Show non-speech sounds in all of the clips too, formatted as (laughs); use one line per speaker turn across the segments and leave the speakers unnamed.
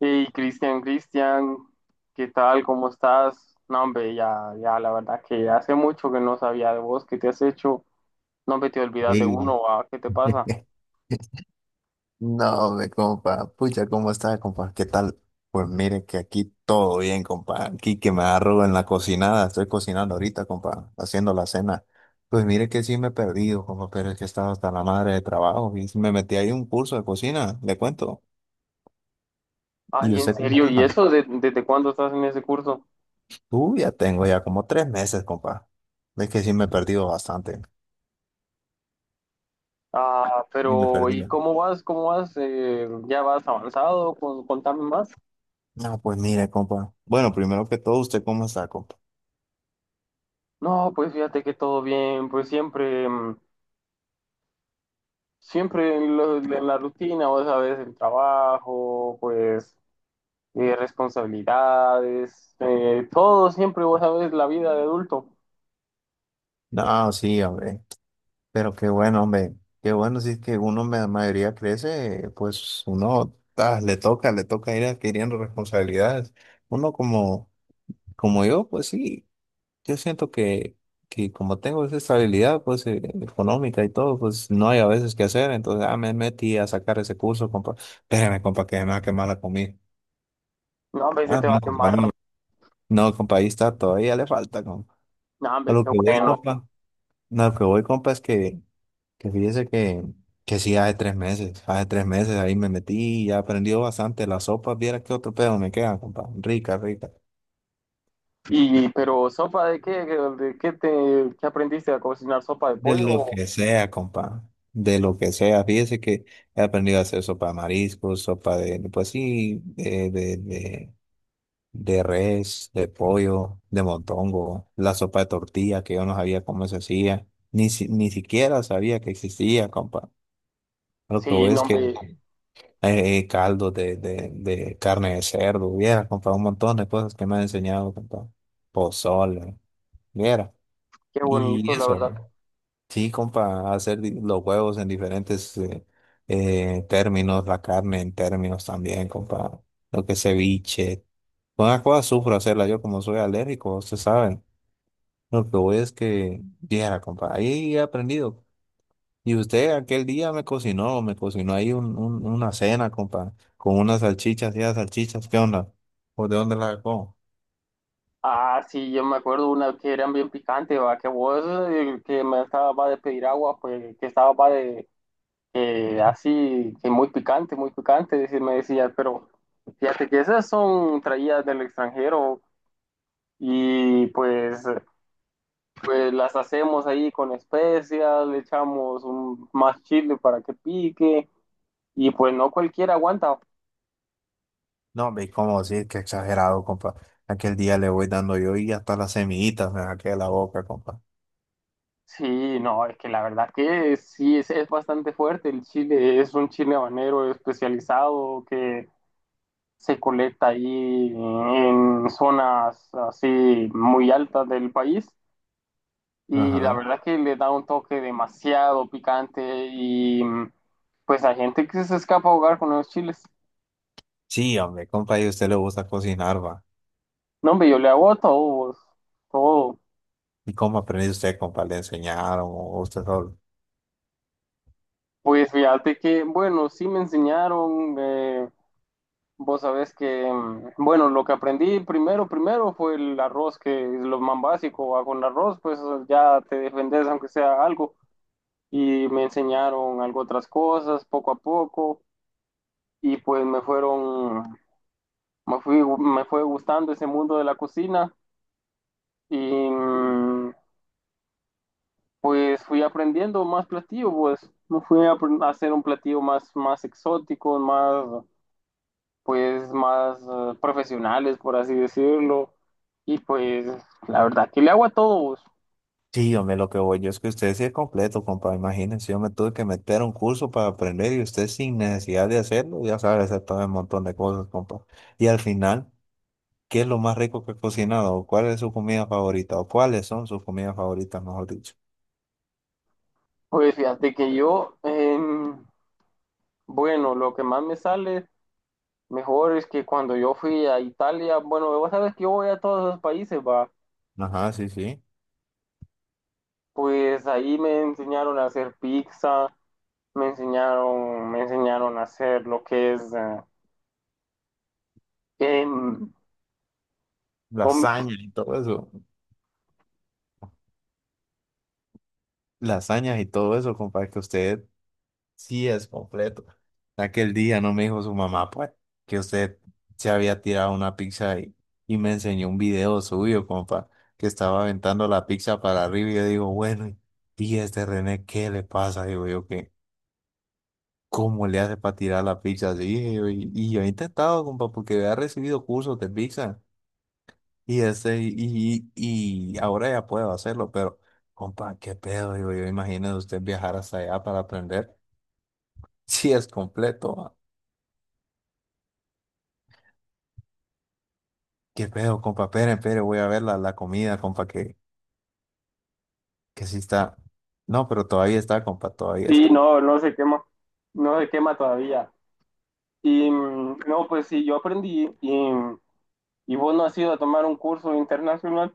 Hey, Cristian, Cristian, ¿qué tal? ¿Cómo estás? No, hombre, ya, ya, la verdad que hace mucho que no sabía de vos, ¿qué te has hecho? No, hombre, te olvidas de
Ey.
uno, ah, ¿qué te pasa?
(laughs) No, me compa, pucha, ¿cómo está, compa? ¿Qué tal? Pues mire que aquí todo bien, compa. Aquí que me agarro en la cocinada, estoy cocinando ahorita, compa, haciendo la cena. Pues mire que sí me he perdido, compa, pero es que estaba hasta la madre de trabajo y sí me metí ahí un curso de cocina, le cuento. ¿Y
Ay, en
usted cómo
serio, ¿y
estaba?
desde cuándo estás en ese curso?
Tú ya tengo ya como 3 meses, compa. Es que sí me he perdido bastante.
Ah,
Y me
pero,
perdí.
¿y cómo vas? ¿Cómo vas? ¿Ya vas avanzado? Contame más.
No, pues mire, compa. Bueno, primero que todo, ¿usted cómo está, compa?
No, pues fíjate que todo bien, pues siempre, siempre en la rutina, vos sabes, el trabajo, pues responsabilidades, todo siempre, vos sabes, la vida de adulto.
No, sí, hombre. Pero qué bueno, hombre, qué bueno, si es que uno me la mayoría crece, pues uno le toca ir adquiriendo responsabilidades. Uno como, como yo, pues sí, yo siento que como tengo esa estabilidad pues económica y todo, pues no hay a veces que hacer, entonces me metí a sacar ese curso, compa, espérame, compa, que me va a quemar la comida.
No, hombre, se
Ah,
te va a
no, compa,
quemar.
no, no, compa, ahí está, todavía le falta, compa.
No,
A
hombre,
lo
qué
que voy,
bueno.
compa, no, a lo que voy, compa, es que que fíjese que sí, hace 3 meses, hace tres meses ahí me metí y ya aprendí bastante. La sopa, viera qué otro pedo me queda, compa. Rica, rica.
Y, pero, ¿sopa de qué? ¿De qué te ¿qué aprendiste a cocinar? ¿Sopa de
De lo
pollo?
que sea, compa. De lo que sea. Fíjese que he aprendido a hacer sopa de mariscos, sopa de, pues sí, de res, de pollo, de montongo, la sopa de tortilla, que yo no sabía cómo se hacía. Ni siquiera sabía que existía, compa. Lo que
Sí,
voy
no,
es que
hombre,
caldo de carne de cerdo, hubiera comprado un montón de cosas que me han enseñado, compa. Pozole, hubiera.
qué
Y
bonito, la
eso,
verdad.
¿no? Sí, compa, hacer los huevos en diferentes términos, la carne en términos también, compa. Lo que es ceviche. Una cosa sufro hacerla yo como soy alérgico, ustedes saben. Lo que voy es que, viera, compa, ahí he aprendido. Y usted aquel día me cocinó ahí una cena, compa, con unas salchichas y las salchichas, ¿qué onda? ¿O de dónde las sacó?
Ah, sí, yo me acuerdo una que eran bien picante, va, que vos, que me estaba de pedir agua, pues, que estaba va de, así, que muy picante, me decía, pero fíjate que esas son traídas del extranjero, y pues, pues las hacemos ahí con especias, le echamos un, más chile para que pique y pues no cualquiera aguanta.
No, ve cómo decir que exagerado, compa. Aquel día le voy dando yo y hasta las semillitas me saqué de la boca, compa.
Sí, no, es que la verdad que sí, es bastante fuerte el chile, es un chile habanero especializado que se colecta ahí en zonas así muy altas del país y la
Ajá.
verdad que le da un toque demasiado picante y pues hay gente que se escapa a ahogar con los chiles.
Sí, hombre, compa, y a usted le gusta cocinar, va.
No, hombre, yo le hago a todos, todo.
¿Y cómo aprendió usted, compa? ¿Le enseñaron o usted solo?
Pues fíjate que, bueno, sí me enseñaron, vos sabés que, bueno, lo que aprendí primero, primero fue el arroz, que es lo más básico, va con arroz, pues ya te defendes aunque sea algo. Y me enseñaron algo otras cosas, poco a poco, y pues me fueron, me fui, me fue gustando ese mundo de la cocina, y mm, pues fui aprendiendo más platillo, pues no fui a hacer un platillo más, más exótico, más, pues más profesionales, por así decirlo. Y pues la verdad que le hago a todos.
Sí, hombre, lo que voy yo es que usted sí es completo, compa. Imagínense, yo me tuve que meter a un curso para aprender y usted sin necesidad de hacerlo, ya sabe hacer todo un montón de cosas, compa. Y al final, ¿qué es lo más rico que ha cocinado? ¿O ¿Cuál es su comida favorita? ¿O cuáles son sus comidas favoritas, mejor dicho?
Pues, fíjate que yo, bueno, lo que más me sale mejor es que cuando yo fui a Italia, bueno, vos sabes que yo voy a todos los países, va.
Ajá, sí, sí.
Pues ahí me enseñaron a hacer pizza, me enseñaron a hacer lo que es em, Hom-
Lasañas y todo eso. Lasañas y todo eso, compa, que usted. Sí, es completo. Aquel día no me dijo su mamá, pues, que usted se había tirado una pizza y me enseñó un video suyo, compa, que estaba aventando la pizza para arriba y yo digo, bueno, y este René, ¿qué le pasa? Digo yo, que ¿cómo le hace para tirar la pizza así? Y yo he intentado, compa, porque había recibido cursos de pizza y, este, y, y ahora ya puedo hacerlo, pero, compa, ¿qué pedo? Digo yo, imagínese usted viajar hasta allá para aprender. (laughs) Sí, es completo. ¿Qué pedo, compa? Espere, espere, voy a ver la comida, compa, que sí está. No, pero todavía está, compa, todavía
Sí,
está.
no, no se quema, no se quema todavía. Y no, pues sí, yo aprendí y vos no has ido a tomar un curso internacional.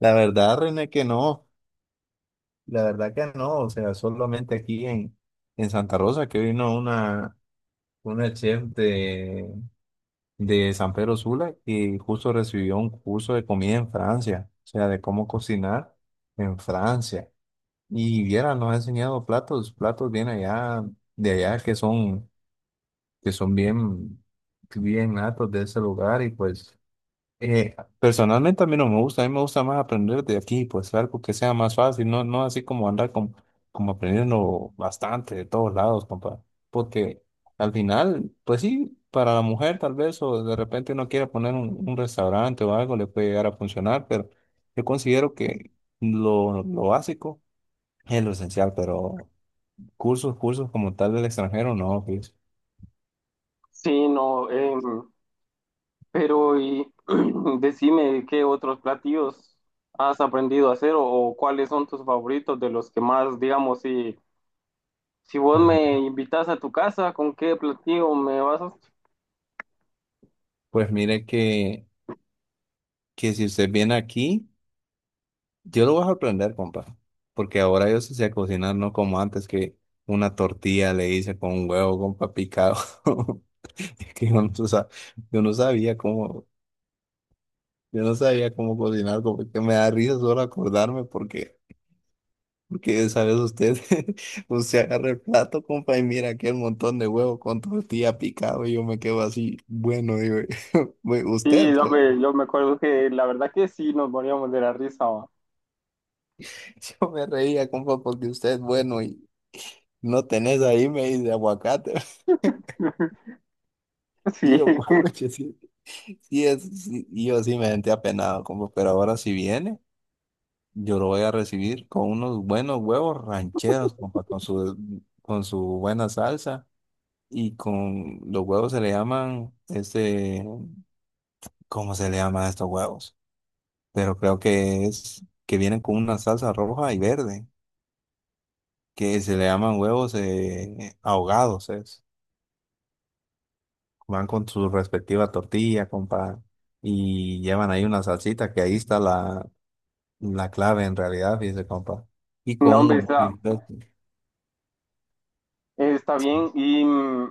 La verdad, René, que no. La verdad que no. O sea, solamente aquí en Santa Rosa que vino una chef de San Pedro Sula y justo recibió un curso de comida en Francia. O sea, de cómo cocinar en Francia. Y viera, nos ha enseñado platos, platos bien allá, de allá que son. Que son bien, bien natos de ese lugar y pues personalmente a mí no me gusta, a mí me gusta más aprender de aquí, pues algo que sea más fácil, no, no así como andar como, como aprendiendo bastante de todos lados, compa, porque al final, pues sí, para la mujer tal vez o de repente uno quiera poner un restaurante o algo, le puede llegar a funcionar, pero yo considero que lo básico es lo esencial, pero cursos, cursos como tal del extranjero, no, pues.
Sí, no, pero y (clears throat) decime qué otros platillos has aprendido a hacer o cuáles son tus favoritos de los que más, digamos, si, si vos me invitas a tu casa, ¿con qué platillo me vas a...
Pues mire que si usted viene aquí, yo lo voy a aprender, compa. Porque ahora yo sí sé cocinar, no como antes que una tortilla le hice con un huevo, compa, picado. (laughs) Es que yo no, yo no sabía cómo, yo no sabía cómo cocinar, compa. Que me da risa solo acordarme porque, porque sabes usted, (laughs) usted agarra el plato, compa, y mira aquel montón de huevo con tortilla picado y yo me quedo así, bueno, digo, (laughs) "Güey, usted,
Sí,
pues.
yo me acuerdo que la verdad que sí, nos moríamos de la risa. Va.
(laughs) Yo me reía, compa, porque usted es bueno no tenés ahí, me dice aguacate. (laughs)
(laughs)
Y
Sí,
yo, pucha, sí, sí es, sí. Y yo sí me sentí apenado, como, pero ahora si viene, yo lo voy a recibir con unos buenos huevos rancheros, compa, con su buena salsa. Y con los huevos se le llaman, este, ¿cómo se le llama a estos huevos? Pero creo que es que vienen con una salsa roja y verde, que se le llaman huevos ahogados, es. Van con su respectiva tortilla, compa, y llevan ahí una salsita, que ahí está la, la clave en realidad, fíjese, compa. Y con
no, hombre,
un,
está,
sí.
Está bien, y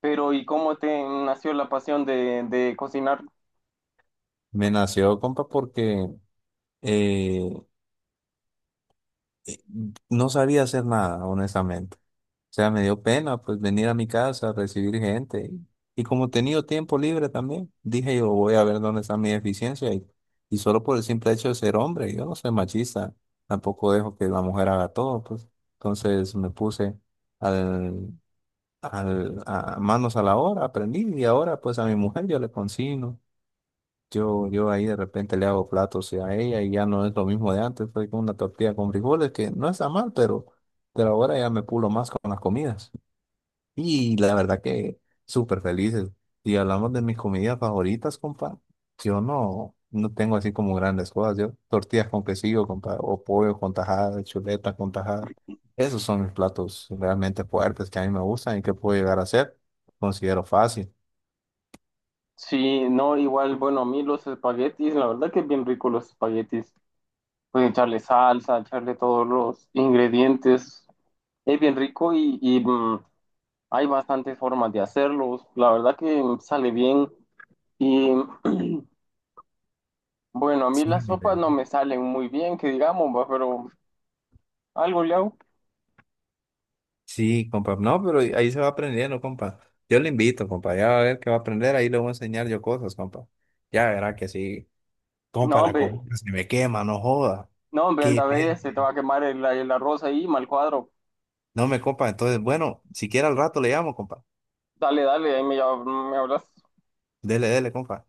pero ¿y cómo te nació la pasión de cocinar?
Me nació, compa, porque eh, eh, no sabía hacer nada, honestamente. O sea, me dio pena pues venir a mi casa a recibir gente. Y como he tenido tiempo libre también, dije yo voy a ver dónde está mi deficiencia. Y solo por el simple hecho de ser hombre, yo no soy machista, tampoco dejo que la mujer haga todo, pues. Entonces me puse al, a manos a la obra, aprendí y ahora pues a mi mujer yo le consigno. Yo ahí de repente le hago platos y a ella y ya no es lo mismo de antes, fue con una tortilla con frijoles que no está mal, pero ahora ya me pulo más con las comidas. Y la verdad que súper felices. Y hablamos de mis comidas favoritas, compa. Yo no, no tengo así como grandes cosas. Yo tortillas con quesillo, compa, o pollo con tajada, chuletas con tajada. Esos son mis platos realmente fuertes que a mí me gustan y que puedo llegar a hacer. Considero fácil.
Sí, no, igual, bueno, a mí los espaguetis, la verdad que es bien rico los espaguetis. Pueden echarle salsa, echarle todos los ingredientes. Es bien rico y, hay bastantes formas de hacerlos. La verdad que sale bien. Y (clears throat) bueno, a mí
Sí,
las
mi
sopas
bebé.
no me salen muy bien, que digamos, va, pero algo le hago.
Sí, compa. No, pero ahí se va aprendiendo, compa. Yo le invito, compa. Ya va a ver que va a aprender. Ahí le voy a enseñar yo cosas, compa. Ya verá que sí. Compa,
No,
la
hombre,
comida se me quema, no joda.
no, hombre, anda,
Qué
ve,
bien.
se te va a quemar el arroz ahí, mal cuadro.
No me, compa. Entonces, bueno, si quiere al rato le llamo, compa.
Dale, dale, me hablas.
Dele, dele, compa.